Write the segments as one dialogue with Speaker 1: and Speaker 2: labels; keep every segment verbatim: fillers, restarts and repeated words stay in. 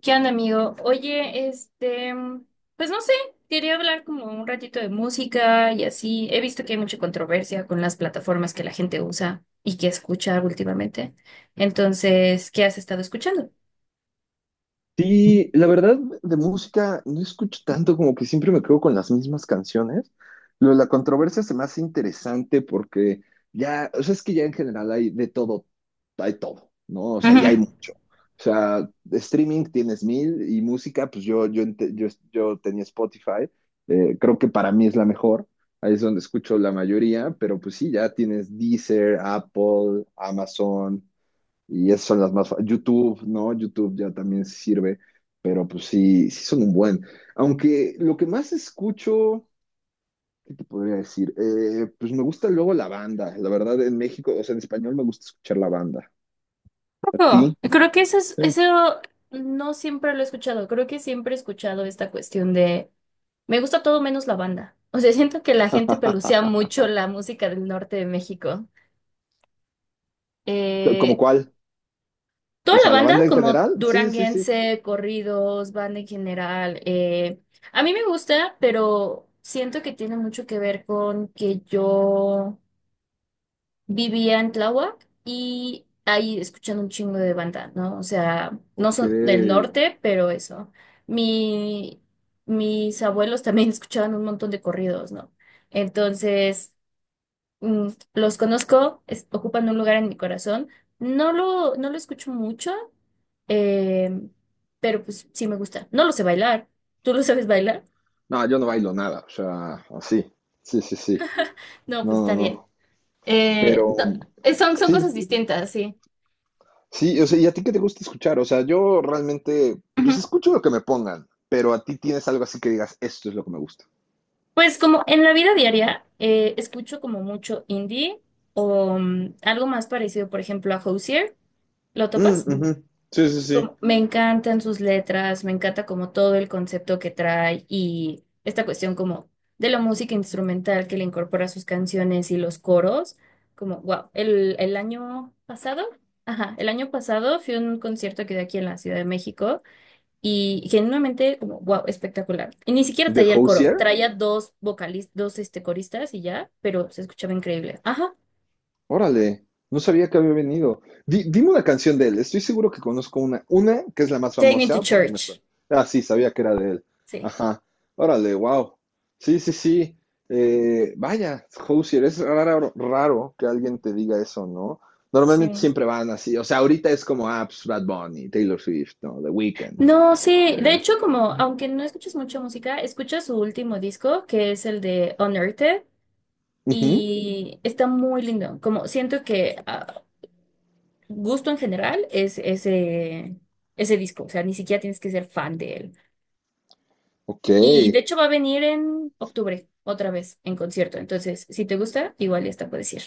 Speaker 1: ¿Qué onda, amigo? Oye, este, pues no sé, quería hablar como un ratito de música y así. He visto que hay mucha controversia con las plataformas que la gente usa y que escucha últimamente. Entonces, ¿qué has estado escuchando?
Speaker 2: Sí, la verdad, de música no escucho tanto, como que siempre me quedo con las mismas canciones. Lo de la controversia se me hace interesante porque ya, o sea, es que ya en general hay de todo, hay todo, ¿no? O sea, y
Speaker 1: Ujú.
Speaker 2: hay mucho. O sea, de streaming tienes mil y música, pues yo, yo, ente- yo, yo tenía Spotify. Eh, creo que para mí es la mejor, ahí es donde escucho la mayoría, pero pues sí, ya tienes Deezer, Apple, Amazon. Y esas son las más... fa- YouTube, ¿no? YouTube ya también sirve, pero pues sí, sí son un buen. Aunque lo que más escucho, ¿qué te podría decir? Eh, pues me gusta luego la banda. La verdad, en México, o sea, en español me gusta escuchar la banda. ¿A
Speaker 1: Ojo,
Speaker 2: ti?
Speaker 1: creo que eso es,
Speaker 2: Sí.
Speaker 1: eso no siempre lo he escuchado. Creo que siempre he escuchado esta cuestión de me gusta todo menos la banda. O sea, siento que la gente pelucea mucho la música del norte de México.
Speaker 2: ¿Como
Speaker 1: Eh,
Speaker 2: cuál? O
Speaker 1: Toda la
Speaker 2: sea, ¿la
Speaker 1: banda,
Speaker 2: banda en
Speaker 1: como
Speaker 2: general? Sí, sí, sí.
Speaker 1: duranguense, corridos, banda en general, eh, a mí me gusta, pero siento que tiene mucho que ver con que yo vivía en Tláhuac y ahí escuchando un chingo de banda, ¿no? O sea, no
Speaker 2: Ok.
Speaker 1: son del norte, pero eso. Mi, mis abuelos también escuchaban un montón de corridos, ¿no? Entonces, mm, los conozco, es- ocupan un lugar en mi corazón. No lo, no lo escucho mucho, eh, pero pues sí me gusta. No lo sé bailar. ¿Tú lo sabes bailar?
Speaker 2: No, yo no bailo nada, o sea, así. Sí, sí, sí.
Speaker 1: No, pues
Speaker 2: No,
Speaker 1: está
Speaker 2: no,
Speaker 1: bien.
Speaker 2: no.
Speaker 1: Eh,
Speaker 2: Pero
Speaker 1: no, eh, son, son
Speaker 2: sí,
Speaker 1: cosas distintas, sí.
Speaker 2: Sí, o sea, ¿y a ti qué te gusta escuchar? O sea, yo realmente,
Speaker 1: Ujú.
Speaker 2: pues escucho lo que me pongan, pero a ti tienes algo así que digas, esto es lo que me gusta.
Speaker 1: Pues como en la vida diaria eh, escucho como mucho indie o mm, algo más parecido, por ejemplo, a Hozier. ¿Lo
Speaker 2: Mm,
Speaker 1: topas?
Speaker 2: ujú. Sí, sí, sí.
Speaker 1: como- me encantan sus letras, me encanta como todo el concepto que trae y esta cuestión como de la música instrumental que le incorpora a sus canciones y los coros, como wow, el, el año pasado, ajá, el año pasado fui a un concierto que dio aquí en la Ciudad de México y genuinamente como wow, espectacular. Y ni siquiera
Speaker 2: ¿De
Speaker 1: traía el coro,
Speaker 2: Hozier?
Speaker 1: traía dos vocalistas, dos este, coristas y ya, pero se escuchaba increíble. Ajá,
Speaker 2: Órale, no sabía que había venido. Di- dime una canción de él, estoy seguro que conozco una, una que es la más
Speaker 1: Take Me to
Speaker 2: famosa porque me
Speaker 1: Church.
Speaker 2: suena. Ah, sí, sabía que era de él.
Speaker 1: Sí.
Speaker 2: Ajá, órale, wow. Sí, sí, sí. Eh, vaya, Hozier, es raro, raro que alguien te diga eso, ¿no? Normalmente
Speaker 1: Sí.
Speaker 2: siempre van así, o sea, ahorita es como, ah, pues, Bad Bunny, Taylor Swift, ¿no? The Weeknd.
Speaker 1: No, sí, de
Speaker 2: Eh,
Speaker 1: hecho, como aunque no escuches mucha música, escuchas su último disco, que es el de Unearthed,
Speaker 2: Ujú.
Speaker 1: y está muy lindo. Como siento que ah, gusto en general es ese, ese disco, o sea, ni siquiera tienes que ser fan de él.
Speaker 2: Ok,
Speaker 1: Y de hecho va a venir en octubre, otra vez, en concierto. Entonces, si te gusta, igual ya está, puedes ir.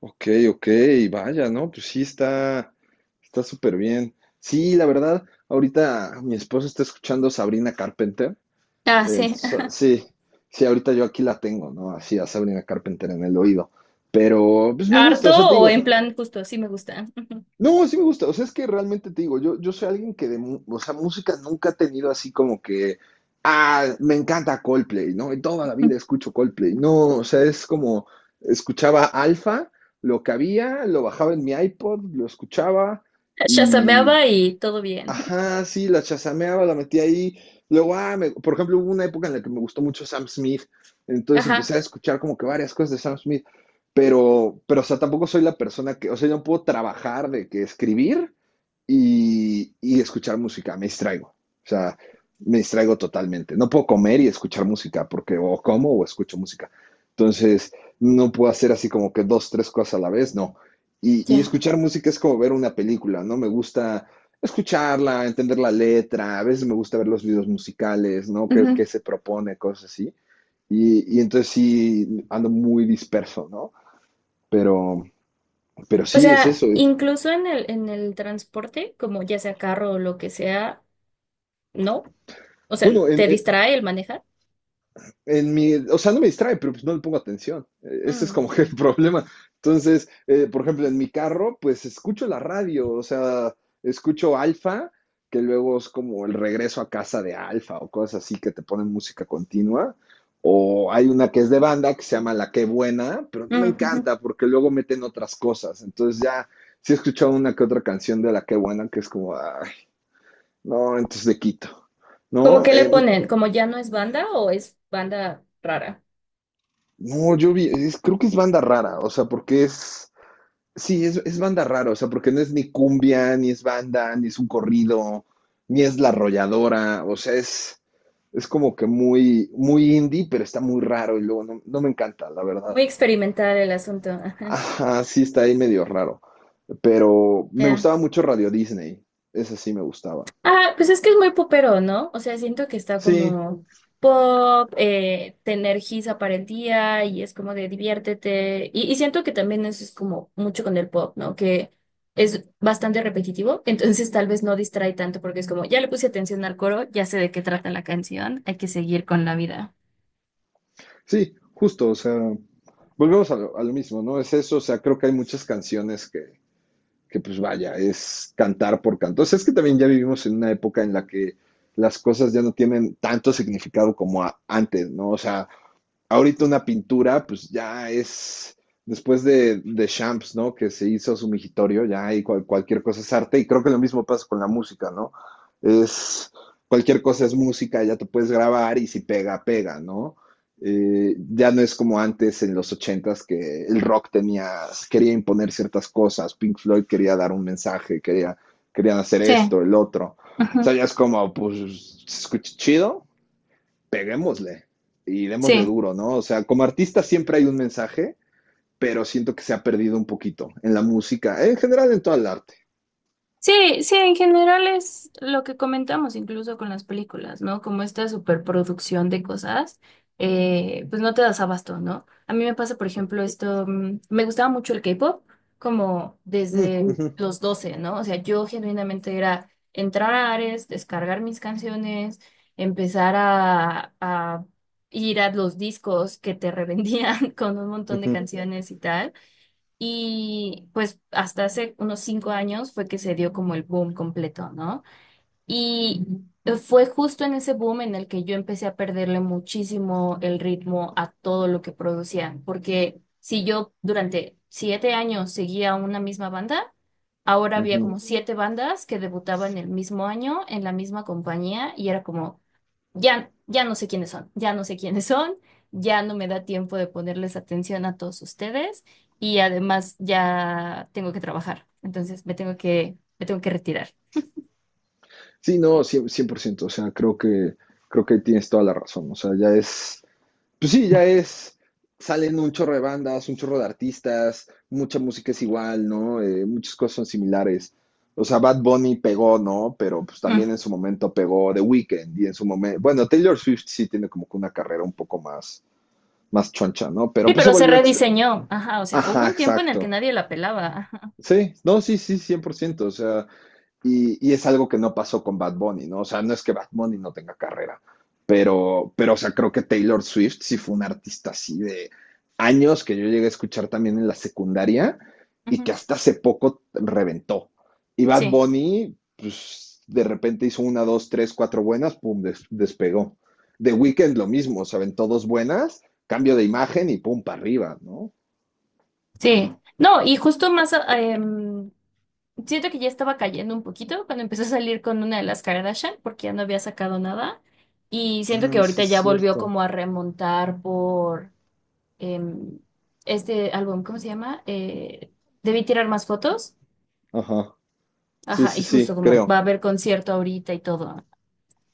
Speaker 2: ok, ok, vaya, ¿no? Pues sí, está, está súper bien. Sí, la verdad, ahorita mi esposo está escuchando Sabrina Carpenter.
Speaker 1: Ah, sí.
Speaker 2: Entonces, ah, sí, sí, ahorita yo aquí la tengo, ¿no? Así a Sabrina Carpenter en el oído. Pero pues me gusta, o sea, te
Speaker 1: Harto o
Speaker 2: digo,
Speaker 1: en plan justo, sí me gusta.
Speaker 2: no, sí me gusta. O sea, es que realmente te digo, yo, yo soy alguien que de, mu- o sea, música nunca ha tenido así como que, ah, me encanta Coldplay, ¿no? En toda la vida escucho Coldplay. No, o sea, es como, escuchaba Alpha, lo que había, lo bajaba en mi iPod, lo escuchaba.
Speaker 1: Shazameaba y todo bien.
Speaker 2: Ajá, sí, la chasameaba, la metía ahí. Luego, ah, me- por ejemplo, hubo una época en la que me gustó mucho Sam Smith, entonces empecé
Speaker 1: Ajá,
Speaker 2: a escuchar como que varias cosas de Sam Smith, pero, pero, o sea, tampoco soy la persona que, o sea, yo no puedo trabajar de que escribir y, y escuchar música, me distraigo. O sea, me distraigo totalmente. No puedo comer y escuchar música, porque o como o escucho música. Entonces, no puedo hacer así como que dos, tres cosas a la vez, no. Y, y
Speaker 1: ya.
Speaker 2: escuchar música es como ver una película, ¿no? Me gusta escucharla, entender la letra, a veces me gusta ver los videos musicales, ¿no? ¿Qué,
Speaker 1: Ujú.
Speaker 2: qué se propone? Cosas así. Y, y, entonces sí, ando muy disperso, ¿no? Pero, pero
Speaker 1: O
Speaker 2: sí, es
Speaker 1: sea,
Speaker 2: eso.
Speaker 1: incluso en el, en el transporte, como ya sea carro o lo que sea, ¿no? O sea,
Speaker 2: Bueno, en,
Speaker 1: ¿te
Speaker 2: en,
Speaker 1: distrae el manejar?
Speaker 2: en mi, o sea, no me distrae, pero pues no le pongo atención. Eh, Ese es
Speaker 1: Mm,
Speaker 2: como que el problema. Entonces, eh, por ejemplo, en mi carro, pues escucho la radio, o sea, escucho Alfa, que luego es como el regreso a casa de Alfa o cosas así que te ponen música continua. O hay una que es de banda que se llama La Qué Buena, pero no me
Speaker 1: mm, ujú.
Speaker 2: encanta porque luego meten otras cosas. Entonces ya sí he escuchado una que otra canción de La Qué Buena que es como, ay, no, entonces le quito,
Speaker 1: ¿Cómo
Speaker 2: ¿no?
Speaker 1: que le
Speaker 2: Eh,
Speaker 1: ponen? ¿Como ya no es banda o es banda rara?
Speaker 2: No, yo vi, es- creo que es banda rara, o sea, porque es, sí, es, es banda rara, o sea, porque no es ni cumbia, ni es banda, ni es un corrido, ni es la arrolladora, o sea, es, es como que muy, muy indie, pero está muy raro y luego no, no me encanta, la verdad.
Speaker 1: Muy experimental el asunto. Ajá,
Speaker 2: Ajá, sí, está ahí medio raro, pero me
Speaker 1: ya.
Speaker 2: gustaba mucho Radio Disney, esa sí me gustaba.
Speaker 1: Ah, pues es que es muy popero, ¿no? O sea, siento que está
Speaker 2: Sí,
Speaker 1: como pop, eh, te energiza para el día y es como de diviértete. Y, y siento que también eso es como mucho con el pop, ¿no? Que es bastante repetitivo, entonces tal vez no distrae tanto porque es como, ya le puse atención al coro, ya sé de qué trata la canción, hay que seguir con la vida.
Speaker 2: sí, justo, o sea, volvemos a lo, a lo mismo, ¿no? Es eso, o sea, creo que hay muchas canciones que que pues vaya, es cantar por canto. Entonces es que también ya vivimos en una época en la que las cosas ya no tienen tanto significado como a- antes, ¿no? O sea, ahorita una pintura, pues ya es después de, de Champs, ¿no? Que se hizo su migitorio, ya hay cual- cualquier cosa es arte, y creo que lo mismo pasa con la música, ¿no? Es cualquier cosa es música, ya te puedes grabar y si pega, pega, ¿no? Eh, ya no es como antes en los ochentas que el rock tenía, quería imponer ciertas cosas, Pink Floyd quería dar un mensaje, quería, querían hacer
Speaker 1: Sí,
Speaker 2: esto, el otro. O sea,
Speaker 1: ujú,
Speaker 2: ya es como, pues, se escucha chido, peguémosle y démosle
Speaker 1: sí.
Speaker 2: duro, ¿no? O sea, como artista siempre hay un mensaje, pero siento que se ha perdido un poquito en la música, en general en todo el arte.
Speaker 1: Sí, sí, en general es lo que comentamos incluso con las películas, ¿no? Como esta superproducción de cosas, eh, pues no te das abasto, ¿no? A mí me pasa, por ejemplo, esto, mm, me gustaba mucho el K-pop, como
Speaker 2: Mm, uh
Speaker 1: desde
Speaker 2: -huh,
Speaker 1: los doce, ¿no? O sea, yo genuinamente era entrar a Ares, descargar mis canciones, empezar a, a ir a los discos que te revendían con un
Speaker 2: uh
Speaker 1: montón de
Speaker 2: -huh,
Speaker 1: canciones y tal. Y pues hasta hace unos cinco años fue que se dio como el boom completo, ¿no? Y ujú, fue justo en ese boom en el que yo empecé a perderle muchísimo el ritmo a todo lo que producían, porque si yo durante siete años seguía una misma banda, ahora
Speaker 2: uh
Speaker 1: había
Speaker 2: -huh.
Speaker 1: como ujú, siete bandas que debutaban el mismo año en la misma compañía y era como, ya, ya no sé quiénes son, ya no sé quiénes son, ya no me da tiempo de ponerles atención a todos ustedes y además ya tengo que trabajar, entonces me tengo que, me tengo que retirar.
Speaker 2: Sí, no, cien por ciento, cien por ciento, o sea, creo que, creo que tienes toda la razón, o sea, ya es pues sí, ya es, salen un chorro de bandas, un chorro de artistas, mucha música es igual, ¿no? Eh, muchas cosas son similares. O sea, Bad Bunny pegó, ¿no? Pero pues
Speaker 1: Mm.
Speaker 2: también en su momento pegó The Weeknd y en su momento, bueno, Taylor Swift sí tiene como que una carrera un poco más, más choncha, ¿no? Pero
Speaker 1: Sí,
Speaker 2: pues se
Speaker 1: pero se
Speaker 2: volvió extra.
Speaker 1: rediseñó, ajá, o sea, hubo
Speaker 2: Ajá,
Speaker 1: un tiempo en el que
Speaker 2: exacto.
Speaker 1: nadie la pelaba, ajá,
Speaker 2: Sí, no, sí, sí, cien por ciento. O sea, y, y, es algo que no pasó con Bad Bunny, ¿no? O sea, no es que Bad Bunny no tenga carrera, pero, pero o sea, creo que Taylor Swift sí fue un artista así de años que yo llegué a escuchar también en la secundaria y
Speaker 1: ujú.
Speaker 2: que hasta hace poco reventó. Y Bad
Speaker 1: Sí,
Speaker 2: Bunny, pues de repente hizo una, dos, tres, cuatro buenas, pum, des despegó. The Weeknd lo mismo, o sea, aventó dos buenas, cambio de imagen y pum, para arriba, ¿no?
Speaker 1: sí, no, y justo más, ah, em, siento que ya estaba cayendo un poquito cuando empezó a salir con una de las Kardashian porque ya no había sacado nada y siento que
Speaker 2: Ah, sí
Speaker 1: ahorita
Speaker 2: es
Speaker 1: ya volvió
Speaker 2: cierto.
Speaker 1: como a remontar por... em, este álbum, ¿cómo se llama? Eh, debí tirar más fotos.
Speaker 2: Ajá. Sí,
Speaker 1: Ajá, y
Speaker 2: sí,
Speaker 1: justo
Speaker 2: sí,
Speaker 1: como va a
Speaker 2: creo.
Speaker 1: haber concierto ahorita y todo.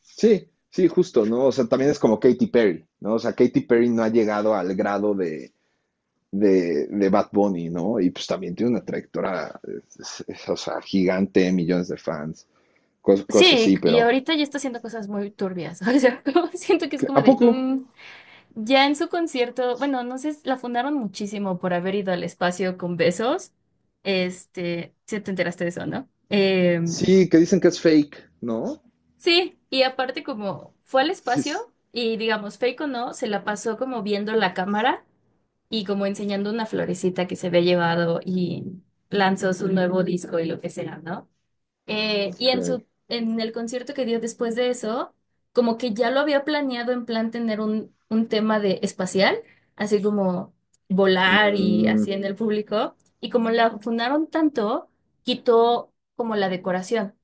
Speaker 2: Sí, sí, justo, ¿no? O sea, también es como Katy Perry, ¿no? O sea, Katy Perry no ha llegado al grado de, de, de Bad Bunny, ¿no? Y pues también tiene una trayectoria, es- es- o sea, gigante, millones de fans, cos- cosas
Speaker 1: Sí,
Speaker 2: así,
Speaker 1: y
Speaker 2: pero...
Speaker 1: ahorita ya está haciendo cosas muy turbias. O sea, como siento que es
Speaker 2: ¿qué-
Speaker 1: como
Speaker 2: ¿A
Speaker 1: de,
Speaker 2: poco?
Speaker 1: mm, ya en su concierto, bueno, no sé, la fundaron muchísimo por haber ido al espacio con besos. Este, si te enteraste de eso, ¿no? Em,
Speaker 2: Sí, que dicen que es fake, ¿no?
Speaker 1: sí, y aparte como fue al
Speaker 2: Sí, sí.
Speaker 1: espacio y digamos, fake o no, se la pasó como viendo la cámara y como enseñando una florecita que se había llevado y lanzó su nuevo disco y lo que sea, ¿no? Eh, y
Speaker 2: Ok.
Speaker 1: en su, en el concierto que dio después de eso, como que ya lo había planeado en plan tener un, un tema de espacial, así como volar y
Speaker 2: Mm,
Speaker 1: así en el público. Y como la fundaron tanto, quitó como la decoración.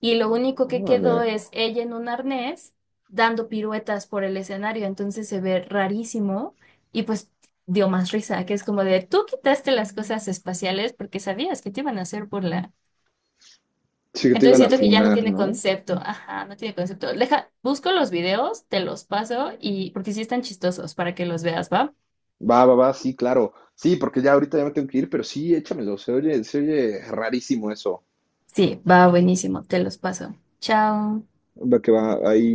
Speaker 1: Y lo único que quedó
Speaker 2: órale.
Speaker 1: es ella en un arnés dando piruetas por el escenario. Entonces se ve rarísimo y pues dio más risa, que es como de, tú quitaste las cosas espaciales porque sabías que te iban a hacer burla.
Speaker 2: Sí, que te
Speaker 1: Entonces
Speaker 2: iban a
Speaker 1: siento que ya no
Speaker 2: funar,
Speaker 1: tiene
Speaker 2: ¿no?
Speaker 1: concepto. Ajá, no tiene concepto. Deja, busco los videos, te los paso y porque sí están chistosos para que los veas, ¿va?
Speaker 2: Va, va, va, sí, claro. Sí, porque ya ahorita ya me tengo que ir, pero sí, échamelo. Se oye, se oye rarísimo eso.
Speaker 1: Sí, va buenísimo, te los paso. Chao.
Speaker 2: Va que va, ahí.